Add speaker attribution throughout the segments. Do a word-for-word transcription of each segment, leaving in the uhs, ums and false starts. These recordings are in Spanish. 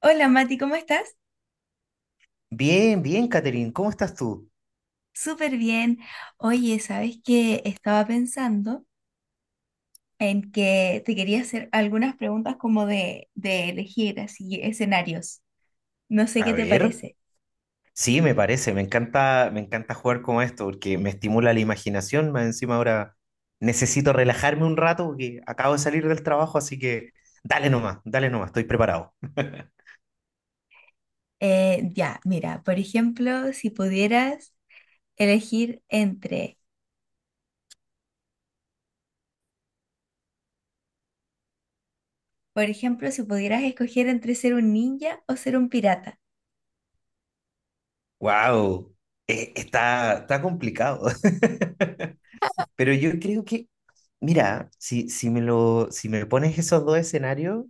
Speaker 1: Hola Mati, ¿cómo estás?
Speaker 2: Bien, bien, Catherine, ¿cómo estás tú?
Speaker 1: Súper bien. Oye, ¿sabes qué? Estaba pensando en que te quería hacer algunas preguntas como de, de elegir así escenarios. No sé
Speaker 2: A
Speaker 1: qué te
Speaker 2: ver,
Speaker 1: parece.
Speaker 2: sí, me parece, me encanta, me encanta jugar con esto porque me estimula la imaginación, más encima ahora necesito relajarme un rato porque acabo de salir del trabajo, así que dale nomás, dale nomás, estoy preparado.
Speaker 1: Eh, ya, mira, por ejemplo, si pudieras elegir entre, por ejemplo, si pudieras escoger entre ser un ninja o ser un pirata.
Speaker 2: Wow, está, está complicado, pero yo creo que, mira, si, si me lo, si me pones esos dos escenarios,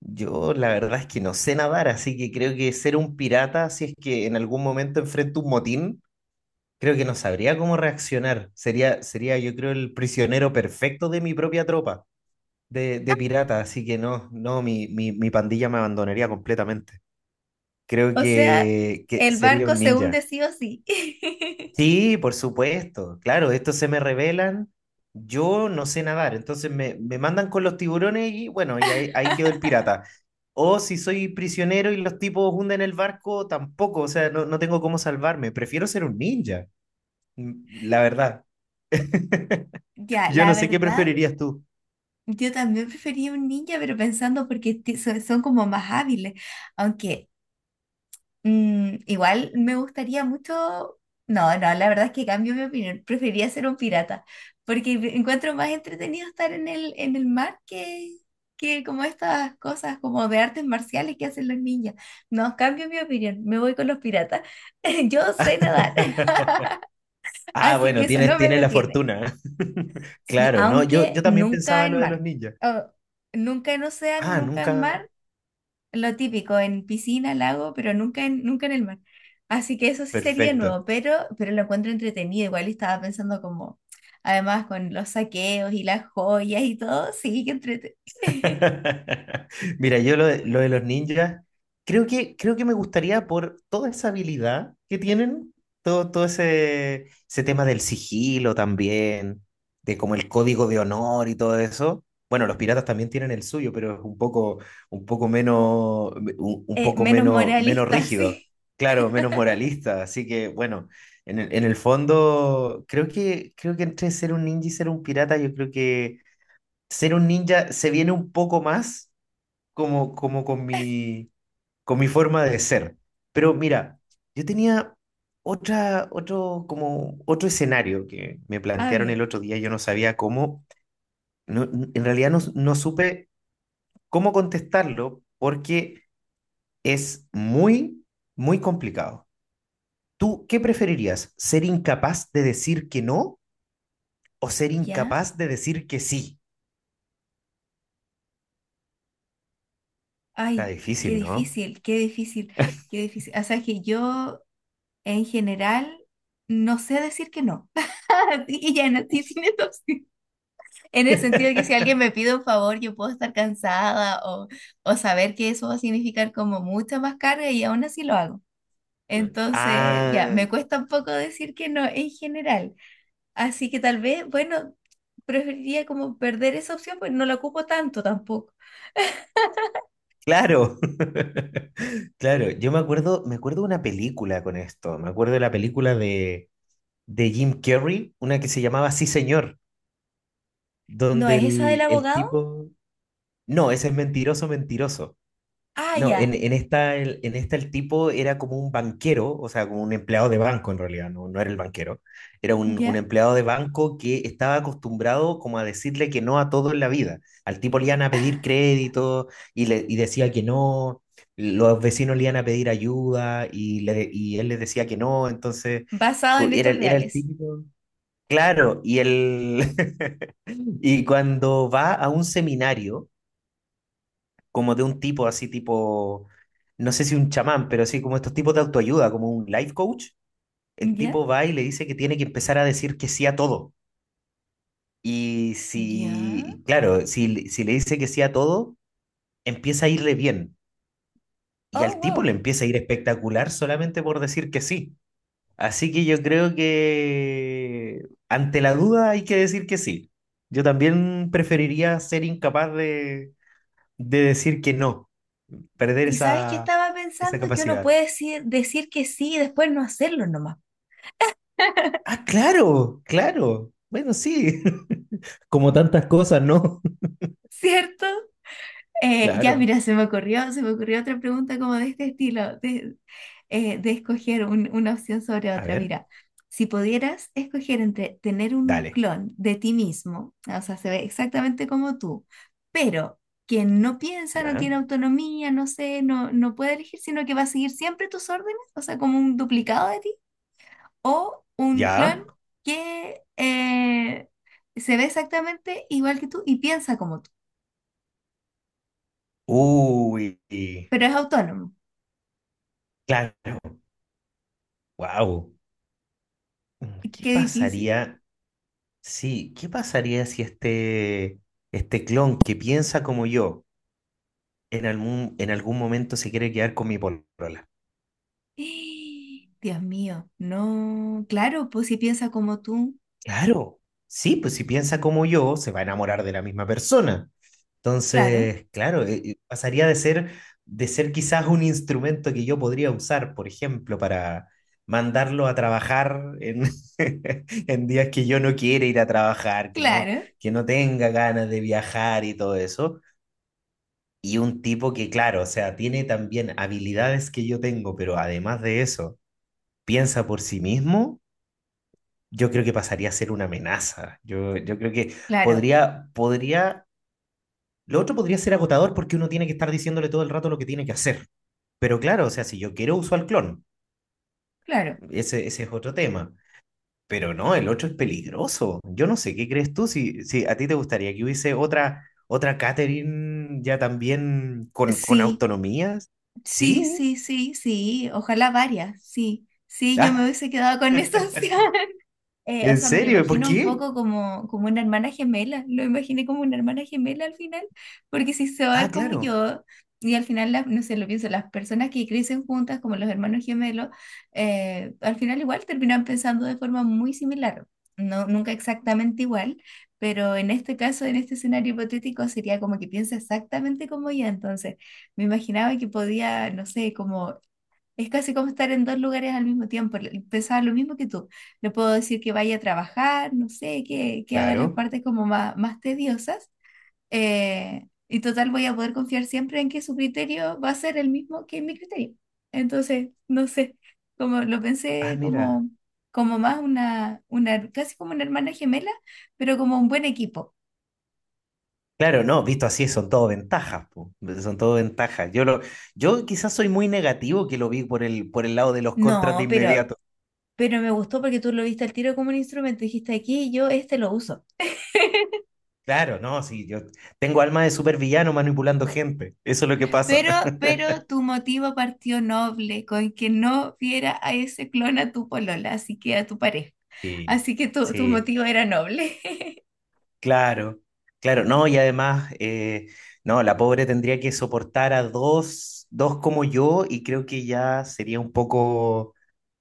Speaker 2: yo la verdad es que no sé nadar, así que creo que ser un pirata, si es que en algún momento enfrento un motín, creo que no sabría cómo reaccionar. Sería, sería, yo creo, el prisionero perfecto de mi propia tropa de, de pirata. Así que no, no, mi, mi, mi pandilla me abandonaría completamente. Creo
Speaker 1: O sea,
Speaker 2: que, que
Speaker 1: el
Speaker 2: sería
Speaker 1: barco
Speaker 2: un
Speaker 1: se
Speaker 2: ninja.
Speaker 1: hunde sí o sí.
Speaker 2: Sí, por supuesto. Claro, estos se me revelan. Yo no sé nadar, entonces me, me mandan con los tiburones y bueno, y ahí, ahí quedó el pirata. O si soy prisionero y los tipos hunden el barco, tampoco, o sea, no, no tengo cómo salvarme. Prefiero ser un ninja, mm, la verdad.
Speaker 1: Ya,
Speaker 2: Yo
Speaker 1: la
Speaker 2: no sé qué
Speaker 1: verdad.
Speaker 2: preferirías tú.
Speaker 1: Yo también prefería un ninja, pero pensando porque ti- so- son como más hábiles. Aunque mm, igual me gustaría mucho. No, no, la verdad es que cambio mi opinión. Prefería ser un pirata. Porque me- encuentro más entretenido estar en el, en el mar, que, que como estas cosas como de artes marciales que hacen los ninjas. No, cambio mi opinión. Me voy con los piratas. Yo sé nadar,
Speaker 2: Ah,
Speaker 1: así que
Speaker 2: bueno,
Speaker 1: eso
Speaker 2: tienes,
Speaker 1: no me
Speaker 2: tienes la
Speaker 1: detiene.
Speaker 2: fortuna.
Speaker 1: Sí,
Speaker 2: Claro, no, yo,
Speaker 1: aunque
Speaker 2: yo también
Speaker 1: nunca
Speaker 2: pensaba
Speaker 1: en
Speaker 2: lo de los
Speaker 1: mar.
Speaker 2: ninjas.
Speaker 1: Oh, Nunca en océano,
Speaker 2: Ah,
Speaker 1: nunca en
Speaker 2: nunca.
Speaker 1: mar. Lo típico, en piscina, lago, pero nunca en, nunca en el mar. Así que eso sí sería nuevo,
Speaker 2: Perfecto.
Speaker 1: pero, pero lo encuentro entretenido. Igual estaba pensando como, además con los saqueos y las joyas y todo, sí, que entrete.
Speaker 2: Mira, yo lo de, lo de los ninjas, creo que, creo que me gustaría por toda esa habilidad que tienen, todo, todo ese, ese tema del sigilo también, de como el código de honor y todo eso. Bueno, los piratas también tienen el suyo, pero es un poco, un poco menos, un, un
Speaker 1: Eh,
Speaker 2: poco
Speaker 1: menos
Speaker 2: menos, menos
Speaker 1: moralista,
Speaker 2: rígido,
Speaker 1: sí.
Speaker 2: claro, menos moralista. Así que, bueno, en el, en el fondo, creo que, creo que entre ser un ninja y ser un pirata, yo creo que ser un ninja se viene un poco más como, como con mi, con mi forma de ser. Pero mira, yo tenía otra, otro, como otro escenario que me
Speaker 1: A
Speaker 2: plantearon
Speaker 1: ver,
Speaker 2: el otro día, yo no sabía cómo, no- en realidad no, no supe cómo contestarlo porque es muy, muy complicado. ¿Tú qué preferirías? ¿Ser incapaz de decir que no o ser
Speaker 1: ¿ya?
Speaker 2: incapaz de decir que sí? Está
Speaker 1: Ay, qué
Speaker 2: difícil, ¿no?
Speaker 1: difícil, qué difícil, qué difícil. O sea, es que yo en general no sé decir que no. Y ya no, sí, tienes. En el sentido de que si alguien me pide un favor, yo puedo estar cansada, o, o saber que eso va a significar como mucha más carga y aún así lo hago.
Speaker 2: No.
Speaker 1: Entonces, ya,
Speaker 2: Ah,
Speaker 1: me cuesta un poco decir que no en general. Así que tal vez, bueno, preferiría como perder esa opción, pues no la ocupo tanto tampoco.
Speaker 2: claro, claro. Yo me acuerdo, me acuerdo de una película con esto. Me acuerdo de la película de, de Jim Carrey, una que se llamaba Sí, señor,
Speaker 1: ¿No
Speaker 2: donde
Speaker 1: es esa del
Speaker 2: el, el
Speaker 1: abogado?
Speaker 2: tipo. No, ese es mentiroso, mentiroso.
Speaker 1: Ah,
Speaker 2: No, en,
Speaker 1: ya,
Speaker 2: en esta, el, en esta el tipo era como un banquero, o sea, como un empleado de banco en realidad, no, no era el banquero, era un, un
Speaker 1: ya.
Speaker 2: empleado de banco que estaba acostumbrado como a decirle que no a todo en la vida. Al tipo le iban a pedir crédito y, le, y decía que no, los vecinos le iban a pedir ayuda y, le- y él les decía que no, entonces
Speaker 1: Basado
Speaker 2: co-
Speaker 1: en
Speaker 2: era,
Speaker 1: hechos
Speaker 2: el- era el
Speaker 1: reales.
Speaker 2: típico, claro, y, el, y cuando va a un seminario como de un tipo así tipo, no sé si un chamán, pero así como estos tipos de autoayuda, como un life coach, el
Speaker 1: Ya,
Speaker 2: tipo va y le dice que tiene que empezar a decir que sí a todo. Y
Speaker 1: ya.
Speaker 2: si, claro, si, le- si le dice que sí a todo, empieza a irle bien. Y
Speaker 1: Oh,
Speaker 2: al tipo
Speaker 1: wow.
Speaker 2: le empieza a ir espectacular solamente por decir que sí. Así que yo creo que ante la duda hay que decir que sí. Yo también preferiría ser incapaz de de decir que no, perder
Speaker 1: Y sabes que
Speaker 2: esa,
Speaker 1: estaba
Speaker 2: esa
Speaker 1: pensando que uno
Speaker 2: capacidad.
Speaker 1: puede decir, decir que sí y después no hacerlo nomás.
Speaker 2: Ah, claro, claro. Bueno, sí. Como tantas cosas, ¿no?
Speaker 1: ¿Cierto? Eh, ya,
Speaker 2: Claro.
Speaker 1: mira, se me ocurrió, se me ocurrió otra pregunta como de este estilo, de, eh, de escoger un- una opción sobre
Speaker 2: A
Speaker 1: otra.
Speaker 2: ver,
Speaker 1: Mira, si pudieras escoger entre tener un
Speaker 2: dale.
Speaker 1: clon de ti mismo, o sea, se ve exactamente como tú, pero que no piensa, no
Speaker 2: Ya,
Speaker 1: tiene autonomía, no sé, no, no puede elegir, sino que va a seguir siempre tus órdenes, o sea, como un duplicado de ti, o un clon
Speaker 2: ya.
Speaker 1: que eh, se ve exactamente igual que tú y piensa como tú,
Speaker 2: Uy,
Speaker 1: pero es autónomo.
Speaker 2: claro. Wow. ¿Qué
Speaker 1: Qué difícil.
Speaker 2: pasaría? Sí, ¿qué pasaría si este, este clon que piensa como yo en algún, en algún momento se quiere quedar con mi polola?
Speaker 1: Dios mío, no, claro, pues si piensa como tú,
Speaker 2: Claro, sí, pues si piensa como yo, se va a enamorar de la misma persona.
Speaker 1: claro,
Speaker 2: Entonces, claro, eh, eh, pasaría de ser, de ser quizás un instrumento que yo podría usar, por ejemplo, para mandarlo a trabajar en, en días que yo no quiera ir a trabajar, que no,
Speaker 1: claro,
Speaker 2: que no tenga ganas de viajar y todo eso. Y un tipo que, claro, o sea, tiene también habilidades que yo tengo, pero además de eso, piensa por sí mismo. Yo creo que pasaría a ser una amenaza. Yo, yo creo que
Speaker 1: claro,
Speaker 2: podría, podría, lo otro podría ser agotador porque uno tiene que estar diciéndole todo el rato lo que tiene que hacer. Pero claro, o sea, si yo quiero uso al clon,
Speaker 1: claro.
Speaker 2: ese, ese es otro tema. Pero no, el otro es peligroso. Yo no sé, ¿qué crees tú? Si, si a ti te gustaría que hubiese otra, otra Catherine ya también con, con
Speaker 1: Sí,
Speaker 2: autonomías.
Speaker 1: sí,
Speaker 2: ¿Sí?
Speaker 1: sí, sí, sí, ojalá varias, sí, sí, yo me
Speaker 2: Ah,
Speaker 1: hubiese quedado con esas. Eh, o
Speaker 2: ¿En
Speaker 1: sea, me lo
Speaker 2: serio? ¿Por
Speaker 1: imagino un
Speaker 2: qué?
Speaker 1: poco como, como una hermana gemela, lo imaginé como una hermana gemela al final, porque si se va a
Speaker 2: Ah,
Speaker 1: ver como
Speaker 2: claro,
Speaker 1: yo, y al final, las- no sé, lo pienso, las personas que crecen juntas como los hermanos gemelos, eh, al final igual terminan pensando de forma muy similar, no, nunca exactamente igual, pero en este caso, en este escenario hipotético, sería como que piensa exactamente como ella, entonces me imaginaba que podía, no sé, como es casi como estar en dos lugares al mismo tiempo. le- Pensaba lo mismo que tú. Le puedo decir que vaya a trabajar, no sé, que, que haga las
Speaker 2: claro.
Speaker 1: partes como más, más tediosas. Eh, y total, voy a poder confiar siempre en que su criterio va a ser el mismo que mi criterio. Entonces, no sé, como lo
Speaker 2: Ah,
Speaker 1: pensé
Speaker 2: mira.
Speaker 1: como, como más una, una, casi como una hermana gemela, pero como un buen equipo.
Speaker 2: Claro, no, visto así son todo ventajas, po, son todo ventajas. Yo lo, yo quizás soy muy negativo que lo vi por el, por el lado de los contras de
Speaker 1: No, pero,
Speaker 2: inmediato.
Speaker 1: pero me gustó porque tú lo viste al tiro como un instrumento. Dijiste aquí, yo este lo uso.
Speaker 2: Claro, no, sí, yo tengo alma de supervillano manipulando gente. Eso es lo que pasa.
Speaker 1: Pero, pero tu motivo partió noble, con que no viera a ese clon a tu polola, así que a tu pareja.
Speaker 2: Sí,
Speaker 1: Así que tu, tu
Speaker 2: sí,
Speaker 1: motivo era noble.
Speaker 2: claro, claro, no, y además, eh, no, la pobre tendría que soportar a dos, dos como yo, y creo que ya sería un poco.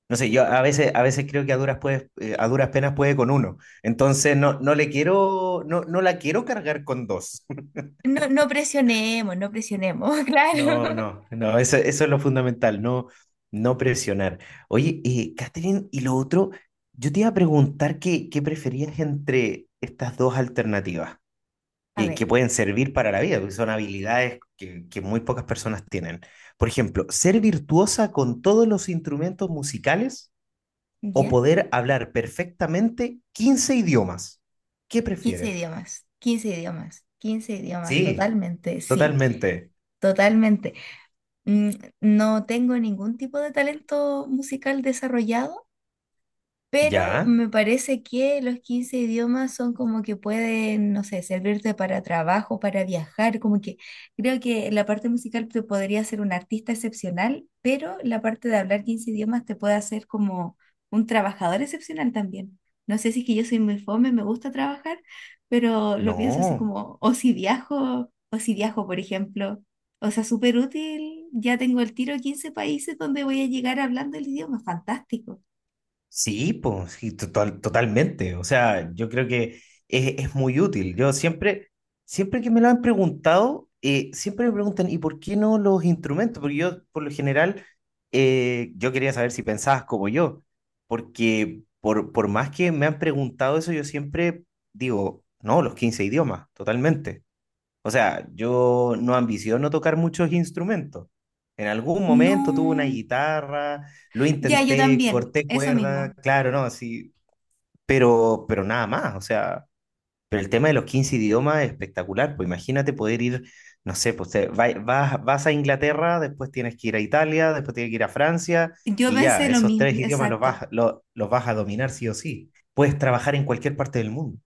Speaker 2: No sé, yo a veces, a veces creo que a duras, puede- eh, a duras penas puede con uno. Entonces no, no le quiero, no, no la quiero cargar con dos.
Speaker 1: No, no presionemos, no presionemos,
Speaker 2: No,
Speaker 1: claro.
Speaker 2: no, no, eso, eso es lo fundamental, no, no presionar. Oye, eh, Catherine, y lo otro, yo te iba a preguntar qué, qué preferías entre estas dos alternativas
Speaker 1: A
Speaker 2: que,
Speaker 1: ver,
Speaker 2: que pueden servir para la vida, porque son habilidades que, que muy pocas personas tienen. Por ejemplo, ser virtuosa con todos los instrumentos musicales o
Speaker 1: ¿ya?
Speaker 2: poder hablar perfectamente quince idiomas. ¿Qué
Speaker 1: quince
Speaker 2: prefieres?
Speaker 1: idiomas, quince idiomas, quince idiomas,
Speaker 2: Sí,
Speaker 1: totalmente, sí,
Speaker 2: totalmente.
Speaker 1: totalmente. Mm, no tengo ningún tipo de talento musical desarrollado, pero
Speaker 2: ¿Ya?
Speaker 1: me parece que los quince idiomas son como que pueden, no sé, servirte para trabajo, para viajar, como que creo que la parte musical te podría hacer un artista excepcional, pero la parte de hablar quince idiomas te puede hacer como un trabajador excepcional también. No sé si es que yo soy muy fome, me gusta trabajar, pero lo pienso así
Speaker 2: No.
Speaker 1: como, o si viajo, o si viajo, por ejemplo. O sea, súper útil, ya tengo el tiro a quince países donde voy a llegar hablando el idioma, fantástico.
Speaker 2: Sí, pues, sí, total- totalmente. O sea, yo creo que es, es muy útil. Yo siempre, siempre que me lo han preguntado, eh, siempre me preguntan, ¿y por qué no los instrumentos? Porque yo, por lo general, eh, yo quería saber si pensabas como yo, porque por, por más que me han preguntado eso, yo siempre digo, no, los quince idiomas, totalmente. O sea, yo no ambiciono tocar muchos instrumentos. En algún momento tuve una
Speaker 1: No.
Speaker 2: guitarra, lo
Speaker 1: Ya, yo
Speaker 2: intenté,
Speaker 1: también,
Speaker 2: corté
Speaker 1: eso
Speaker 2: cuerda,
Speaker 1: mismo.
Speaker 2: claro, no, sí, pero, pero nada más, o sea, pero el tema de los quince idiomas es espectacular, pues imagínate poder ir, no sé, pues te- vai- vas, vas a Inglaterra, después tienes que ir a Italia, después tienes que ir a Francia,
Speaker 1: Yo
Speaker 2: y
Speaker 1: pensé
Speaker 2: ya,
Speaker 1: lo
Speaker 2: esos
Speaker 1: mismo,
Speaker 2: tres idiomas los
Speaker 1: exacto.
Speaker 2: vas, lo- los vas a dominar sí o sí. Puedes trabajar en cualquier parte del mundo.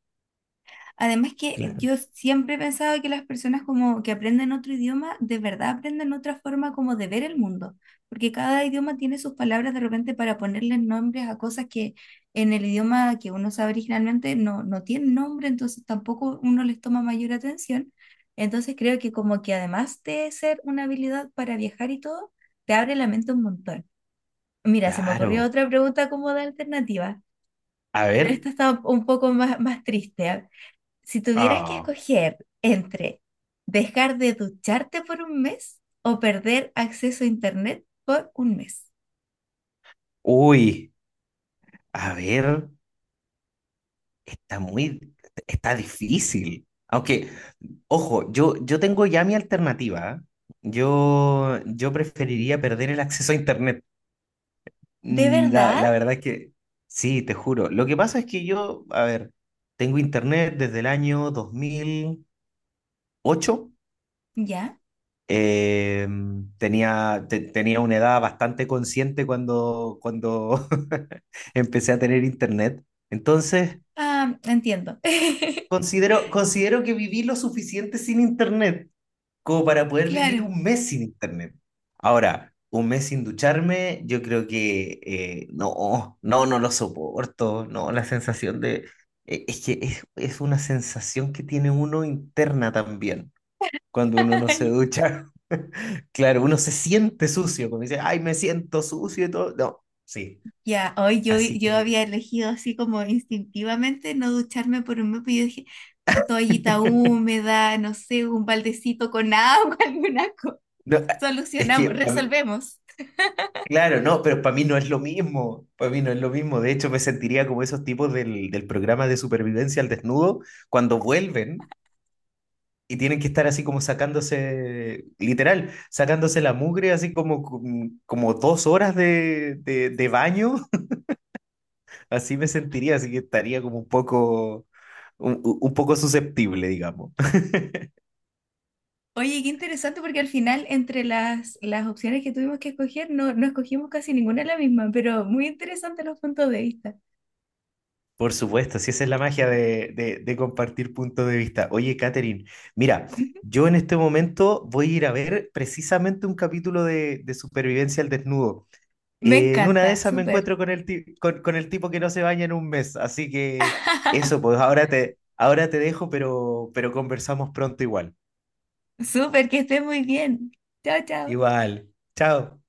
Speaker 1: Además que
Speaker 2: Claro.
Speaker 1: yo siempre he pensado que las personas como que aprenden otro idioma, de verdad aprenden otra forma como de ver el mundo, porque cada idioma tiene sus palabras de repente para ponerles nombres a cosas que en el idioma que uno sabe originalmente no, no tienen nombre, entonces tampoco uno les toma mayor atención. Entonces creo que como que además de ser una habilidad para viajar y todo, te abre la mente un montón. Mira, se me ocurrió
Speaker 2: Claro.
Speaker 1: otra pregunta como de alternativa.
Speaker 2: A
Speaker 1: Pero
Speaker 2: ver.
Speaker 1: esta está un poco más, más triste, ¿ah? Si tuvieras que
Speaker 2: Ah.
Speaker 1: escoger entre dejar de ducharte por un mes o perder acceso a internet por un mes.
Speaker 2: Uy. A ver, está muy, está difícil. Aunque, ojo, yo, yo tengo ya mi alternativa. Yo, yo preferiría perder el acceso a Internet.
Speaker 1: ¿De
Speaker 2: Mm, La,
Speaker 1: verdad?
Speaker 2: la verdad es que, sí, te juro. Lo que pasa es que yo, a ver, tengo Internet desde el año dos mil ocho.
Speaker 1: Ya.
Speaker 2: Eh, tenía, te- tenía una edad bastante consciente cuando, cuando empecé a tener Internet. Entonces…
Speaker 1: Ah, entiendo.
Speaker 2: considero, considero que viví lo suficiente sin internet como para poder vivir
Speaker 1: Claro.
Speaker 2: un mes sin internet. Ahora, un mes sin ducharme, yo creo que eh, no, no, no lo soporto, no, la sensación de… eh, es que es, es una sensación que tiene uno interna también, cuando uno no se ducha. Claro, uno se siente sucio, como dice, ay, me siento sucio y todo. No, sí,
Speaker 1: Ya, hoy yo,
Speaker 2: así
Speaker 1: yo
Speaker 2: que…
Speaker 1: había elegido así como instintivamente no ducharme por un mes, pero yo dije, toallita húmeda, no sé, un baldecito con agua, alguna cosa.
Speaker 2: no, es
Speaker 1: Solucionamos,
Speaker 2: que
Speaker 1: resolvemos.
Speaker 2: claro, no, pero para mí no es lo mismo. Para mí no es lo mismo. De hecho, me sentiría como esos tipos del, del programa de supervivencia al desnudo cuando vuelven y tienen que estar así como sacándose, literal, sacándose la mugre, así como, com- como dos horas de, de, de baño. Así me sentiría, así que estaría como un poco, un, un poco susceptible, digamos.
Speaker 1: Oye, qué interesante porque al final entre las, las opciones que tuvimos que escoger no, no escogimos casi ninguna la misma, pero muy interesante los puntos de vista.
Speaker 2: Por supuesto, si esa es la magia de, de- de compartir puntos de vista. Oye, Catherine, mira, yo en este momento voy a ir a ver precisamente un capítulo de, de Supervivencia al Desnudo.
Speaker 1: Me
Speaker 2: Eh, en una de
Speaker 1: encanta,
Speaker 2: esas me
Speaker 1: súper.
Speaker 2: encuentro con el, ti- con, con el tipo que no se baña en un mes, así que eso, pues ahora te, ahora te dejo, pero, pero conversamos pronto igual.
Speaker 1: Súper, que estés muy bien. Chao, chao.
Speaker 2: Igual, chao.